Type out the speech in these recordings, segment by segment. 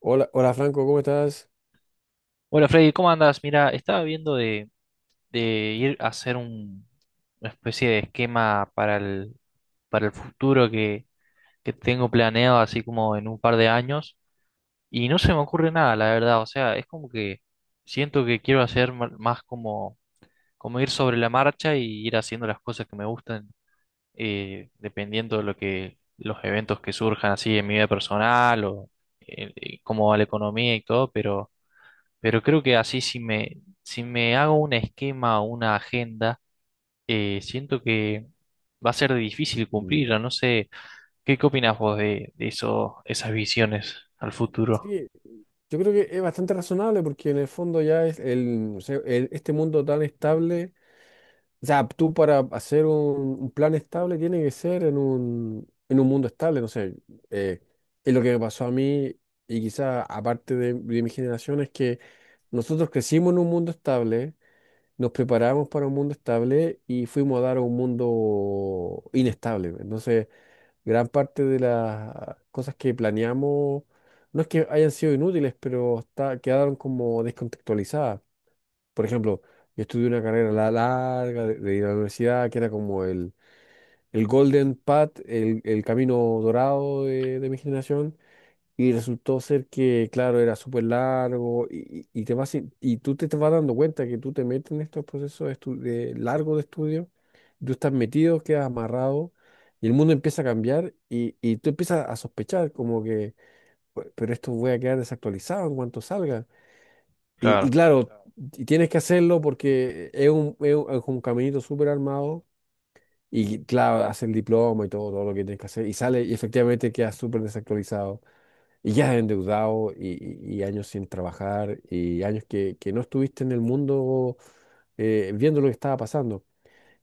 Hola, hola Franco, ¿cómo estás? Hola Freddy, ¿cómo andas? Mira, estaba viendo de ir a hacer una especie de esquema para para el futuro que tengo planeado, así como en un par de años, y no se me ocurre nada, la verdad. O sea, es como que siento que quiero hacer más como ir sobre la marcha y ir haciendo las cosas que me gustan, dependiendo de lo que, los eventos que surjan así en mi vida personal o cómo va la economía y todo, pero. Pero creo que así si me hago un esquema o una agenda, siento que va a ser difícil Mm, cumplirla. No sé, ¿qué, qué opinás vos de eso, esas visiones al futuro? sí, yo creo que es bastante razonable porque en el fondo ya es el, o sea, este mundo tan estable, o sea, tú para hacer un plan estable tiene que ser en en un mundo estable, no sé, eh, es lo que me pasó a mí y quizá aparte de mi generación es que nosotros crecimos en un mundo estable, nos preparamos para un mundo estable y fuimos a dar a un mundo inestable. Entonces, gran parte de las cosas que planeamos no es que hayan sido inútiles, pero está, quedaron como descontextualizadas. Por ejemplo, yo estudié una carrera larga de ir a la universidad, que era como el golden path, el camino dorado de mi generación, y resultó ser que, claro, era súper largo y te vas, y tú te, te vas dando cuenta que tú te metes en estos procesos de de largos de estudio, tú estás metido, quedas amarrado y el mundo empieza a cambiar y tú empiezas a sospechar como que, pero esto voy a quedar desactualizado en cuanto salga." Y Claro. claro, claro, y tienes que hacerlo porque es un, es un, es un caminito súper armado y claro, haces el diploma y todo, todo lo que tienes que hacer y sale y efectivamente quedas súper desactualizado. Y ya endeudado y, y años sin trabajar y años que no estuviste en el mundo viendo lo que estaba pasando.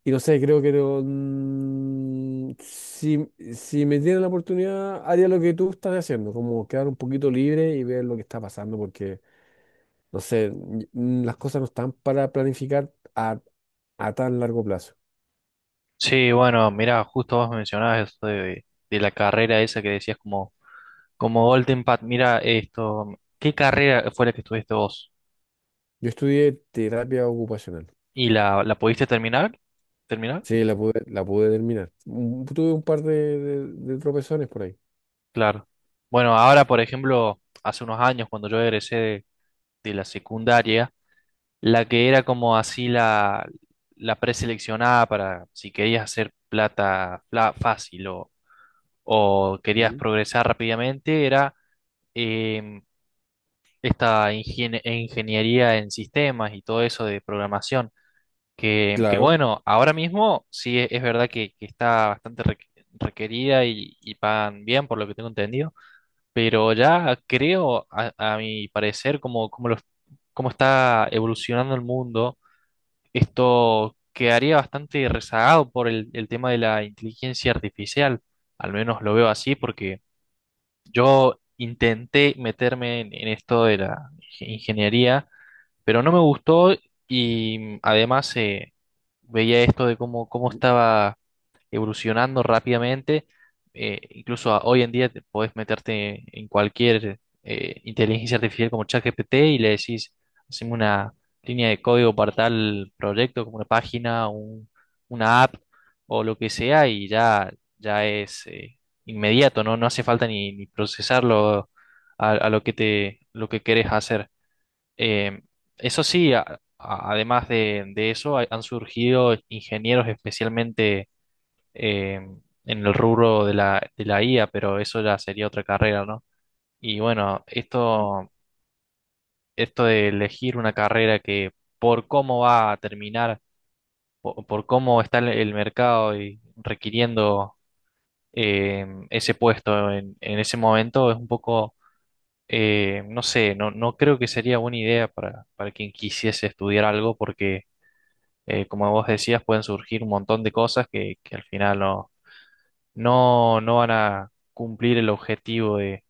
Y no sé, creo que no, si, si me dieran la oportunidad, haría lo que tú estás haciendo, como quedar un poquito libre y ver lo que está pasando, porque, no sé, las cosas no están para planificar a, a tan largo plazo. Sí, bueno, mirá, justo vos mencionabas eso la carrera esa que decías como Golden Path. Mira esto, ¿qué carrera fue la que estudiaste vos? Yo estudié terapia ocupacional. ¿Y la pudiste terminar? ¿Terminar? Sí, la pude terminar. Mm, tuve un par de de tropezones por ahí. Claro. Bueno, ahora, por ejemplo, hace unos años cuando yo egresé de la secundaria, la que era como así la preseleccionada para si querías hacer plata fácil o querías Mm. progresar rápidamente era em, esta ingeniería en sistemas y todo eso de programación. Que Claro. bueno, ahora mismo sí es verdad que está bastante requerida y pagan bien por lo que tengo entendido, pero ya creo, a mi parecer, los- cómo está evolucionando el mundo, esto quedaría bastante rezagado por el tema de la inteligencia artificial. Al menos lo veo así porque yo intenté meterme en esto de la ingeniería, pero no me gustó y además veía esto de cómo, cómo estaba evolucionando rápidamente. Incluso hoy en día te podés meterte en cualquier inteligencia artificial como ChatGPT y le decís, haceme una línea de código para tal proyecto, como una página, una app o lo que sea, ya es inmediato, ¿no? No hace falta ni procesarlo a lo que lo que querés hacer. Eh, eso sí, además de eso, han surgido ingenieros especialmente eh, en el rubro de de la IA, pero eso ya sería otra carrera, ¿no? Y bueno, esto de elegir una carrera que por cómo va a terminar, cómo está el mercado y requiriendo ese puesto en ese momento, es un poco, no sé, no creo que sería buena idea para quien quisiese estudiar algo porque... como vos decías, pueden surgir un montón de cosas que al final no van a cumplir el objetivo de,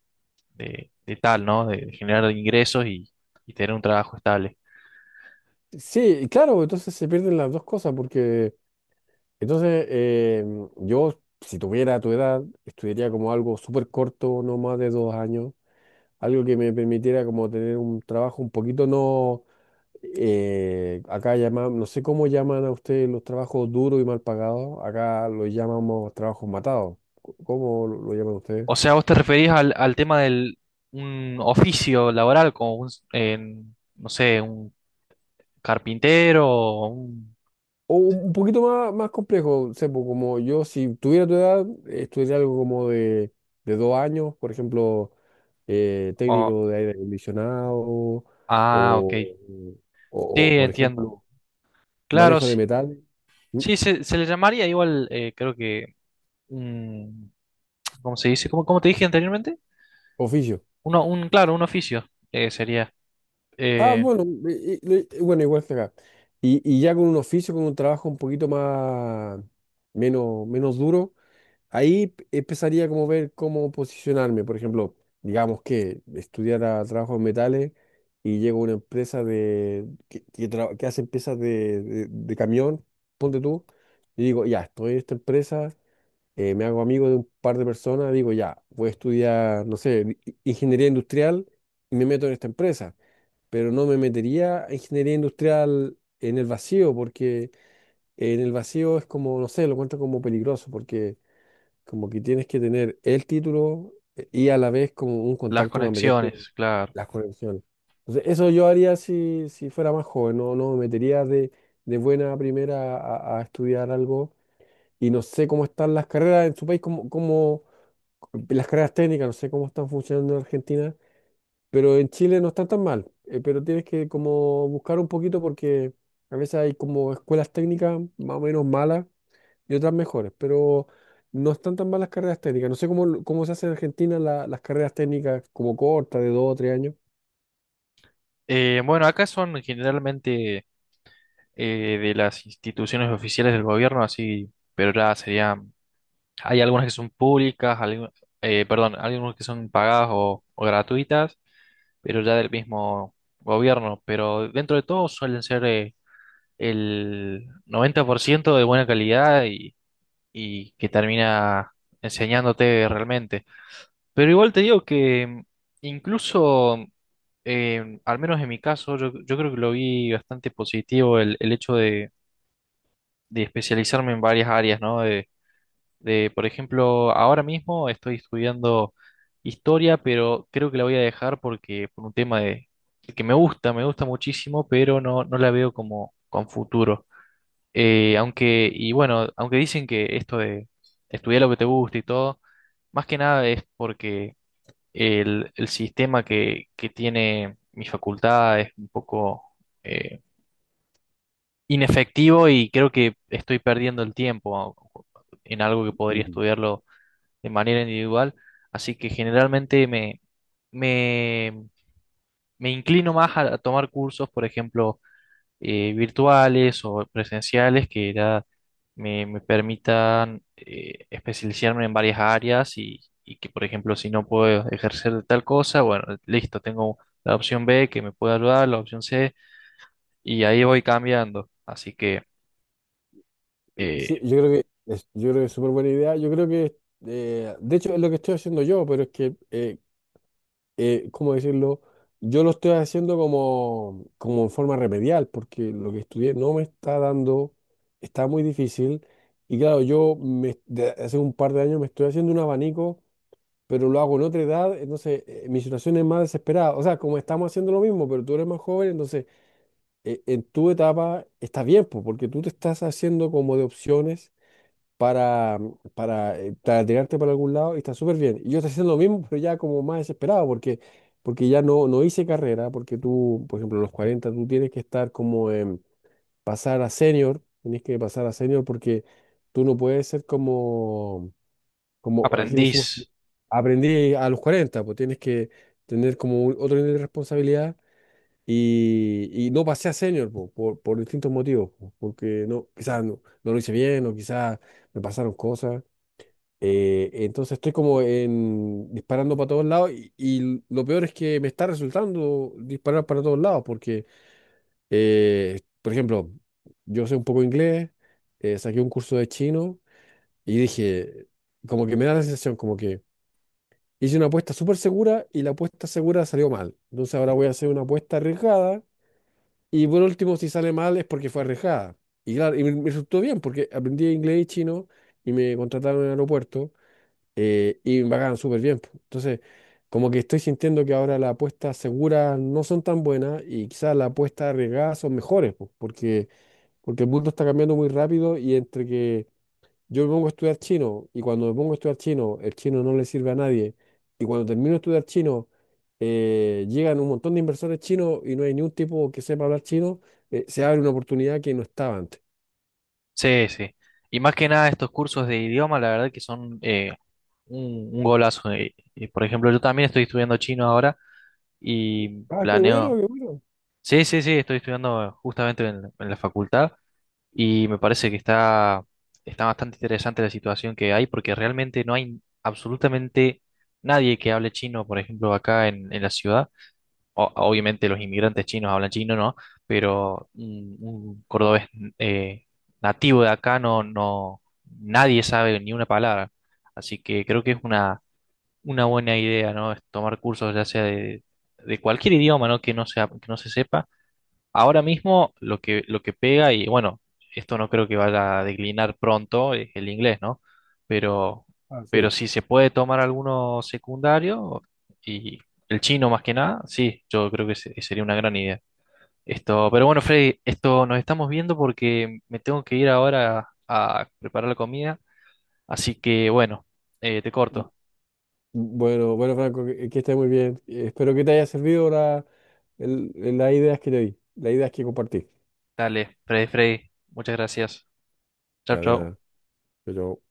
de tal, ¿no? De generar ingresos y tener un trabajo estable. Sí, claro, entonces se pierden las dos cosas, porque entonces yo, si tuviera tu edad, estudiaría como algo súper corto, no más de dos años, algo que me permitiera como tener un trabajo un poquito no, acá llaman, no sé cómo llaman a ustedes los trabajos duros y mal pagados, acá los llamamos trabajos matados, ¿cómo lo llaman ustedes? O sea, vos te referís al, al tema del un oficio laboral como un, en, no sé, un carpintero o un... O un poquito más, más complejo, Sepo, como yo, si tuviera tu edad, estudiaría algo como de dos años, por ejemplo, o- técnico de aire acondicionado ah, ok. o, Sí, o, por entiendo. ejemplo, Claro, manejo de sí, metal, mm, sí, se le llamaría igual, creo que un... ¿Cómo se dice? ¿Cómo, cómo te dije anteriormente? oficio. Claro, un oficio sería. Ah, eh, bueno, bueno, igual que acá. Y ya con un oficio, con un trabajo un poquito más, menos, menos duro, ahí empezaría como ver cómo posicionarme. Por ejemplo, digamos que estudiara trabajo en metales y llego a una empresa de que que hace piezas de, de camión, ponte tú, y digo, ya, estoy en esta empresa, me hago amigo de un par de personas, digo, ya, voy a estudiar, no sé, ingeniería industrial y me meto en esta empresa. Pero no me metería a ingeniería industrial en el vacío, porque en el vacío es como, no sé, lo cuento como peligroso, porque como que tienes que tener el título y a la vez como un Las contacto para meterte en conexiones, claro. las conexiones. Entonces, eso yo haría si, si fuera más joven, no, no me metería de buena primera a estudiar algo y no sé cómo están las carreras en su país, como, como las carreras técnicas, no sé cómo están funcionando en Argentina, pero en Chile no están tan mal, pero tienes que como buscar un poquito porque a veces hay como escuelas técnicas más o menos malas y otras mejores, pero no están tan mal las carreras técnicas. No sé cómo, cómo se hace en Argentina las carreras técnicas como cortas, de dos o tres años. Bueno, acá son generalmente de las instituciones oficiales del gobierno, así, pero ya serían, hay algunas que son públicas, perdón, algunas que son pagadas o gratuitas, pero ya del mismo gobierno, pero dentro de todo suelen ser el 90% de buena calidad y que termina enseñándote realmente. Pero igual te digo que incluso, al menos en mi caso, yo creo que lo vi bastante positivo el hecho de especializarme en varias áreas, ¿no? De, por ejemplo, ahora mismo estoy estudiando historia, pero creo que la voy a dejar porque por un tema de que me gusta muchísimo, pero no la veo como con futuro. Aunque, y bueno, aunque dicen que esto de estudiar lo que te gusta y todo, más que nada es porque el sistema que tiene mi facultad es un poco eh, inefectivo y creo que estoy perdiendo el tiempo en algo que podría Mm. estudiarlo de manera individual. Así que generalmente me, me inclino más a tomar cursos, por ejemplo, virtuales o presenciales que ya me permitan especializarme en varias áreas y que, por ejemplo, si no puedo ejercer de tal cosa, bueno, listo, tengo la opción B que me puede ayudar, la opción C, y ahí voy cambiando. Así que eh, Sí, yo creo que es, yo creo que es súper buena idea. Yo creo que, de hecho, es lo que estoy haciendo yo, pero es que, ¿cómo decirlo? Yo lo estoy haciendo como, como en forma remedial, porque lo que estudié no me está dando, está muy difícil. Y claro, yo me, de hace un par de años me estoy haciendo un abanico pero lo hago en otra edad, entonces mi situación es más desesperada. O sea, como estamos haciendo lo mismo, pero tú eres más joven, entonces en tu etapa está bien, pues, porque tú te estás haciendo como de opciones para, para tirarte para algún lado y está súper bien. Y yo estoy haciendo lo mismo, pero ya como más desesperado, porque, porque ya no, no hice carrera, porque tú, por ejemplo, a los 40 tú tienes que estar como en pasar a senior, tienes que pasar a senior porque tú no puedes ser como... Como aquí le decimos, que aprendiz, aprendí a los 40 pues tienes que tener como otro nivel de responsabilidad y no pasé a senior po, por distintos motivos, po, porque no, quizás no, no lo hice bien o quizás me pasaron cosas. Entonces estoy como en, disparando para todos lados y lo peor es que me está resultando disparar para todos lados porque, por ejemplo, yo sé un poco inglés, saqué un curso de chino y dije, como que me da la sensación, como que hice una apuesta súper segura y la apuesta segura salió mal. Entonces ahora voy a hacer una apuesta arriesgada y por último, si sale mal es porque fue arriesgada. Y claro, y me resultó bien porque aprendí inglés y chino y me contrataron en el aeropuerto y me pagaban súper bien, po. Entonces, como que estoy sintiendo que ahora las apuestas seguras no son tan buenas y quizás las apuestas arriesgadas son mejores, po, porque, porque el mundo está cambiando muy rápido y entre que yo me pongo a estudiar chino y cuando me pongo a estudiar chino, el chino no le sirve a nadie. Y cuando termino de estudiar chino, llegan un montón de inversores chinos y no hay ni un tipo que sepa hablar chino, se abre una oportunidad que no estaba antes. sí, sí. Y más que nada estos cursos de idioma, la verdad que son un golazo. Por ejemplo, yo también estoy estudiando chino ahora y Ah, qué bueno, planeo qué bueno. sí, sí, sí, estoy estudiando justamente en la facultad y me parece que está, está bastante interesante la situación que hay porque realmente no hay absolutamente nadie que hable chino, por ejemplo, acá en la ciudad. Obviamente los inmigrantes chinos hablan chino, ¿no? Pero un cordobés eh, nativo de acá nadie sabe ni una palabra. Así que creo que es una buena idea, ¿no? Es tomar cursos ya sea de cualquier idioma, ¿no? Que no sea, que no se sepa. Ahora mismo lo lo que pega, y bueno, esto no creo que vaya a declinar pronto, es el inglés, ¿no? Pero, Ah, pero sí. si se puede tomar alguno secundario y el chino más que nada, sí, yo creo que sería una gran idea. Esto, pero bueno, Freddy, esto nos estamos viendo porque me tengo que ir ahora a preparar la comida, así que bueno, te corto. Bueno, bueno, Franco, que estés muy bien. Espero que te haya servido la, el- las ideas que te di, las ideas que compartí. Dale, Freddy, Freddy, muchas gracias. Chau, Ya, de chau. nada. Chao, chao.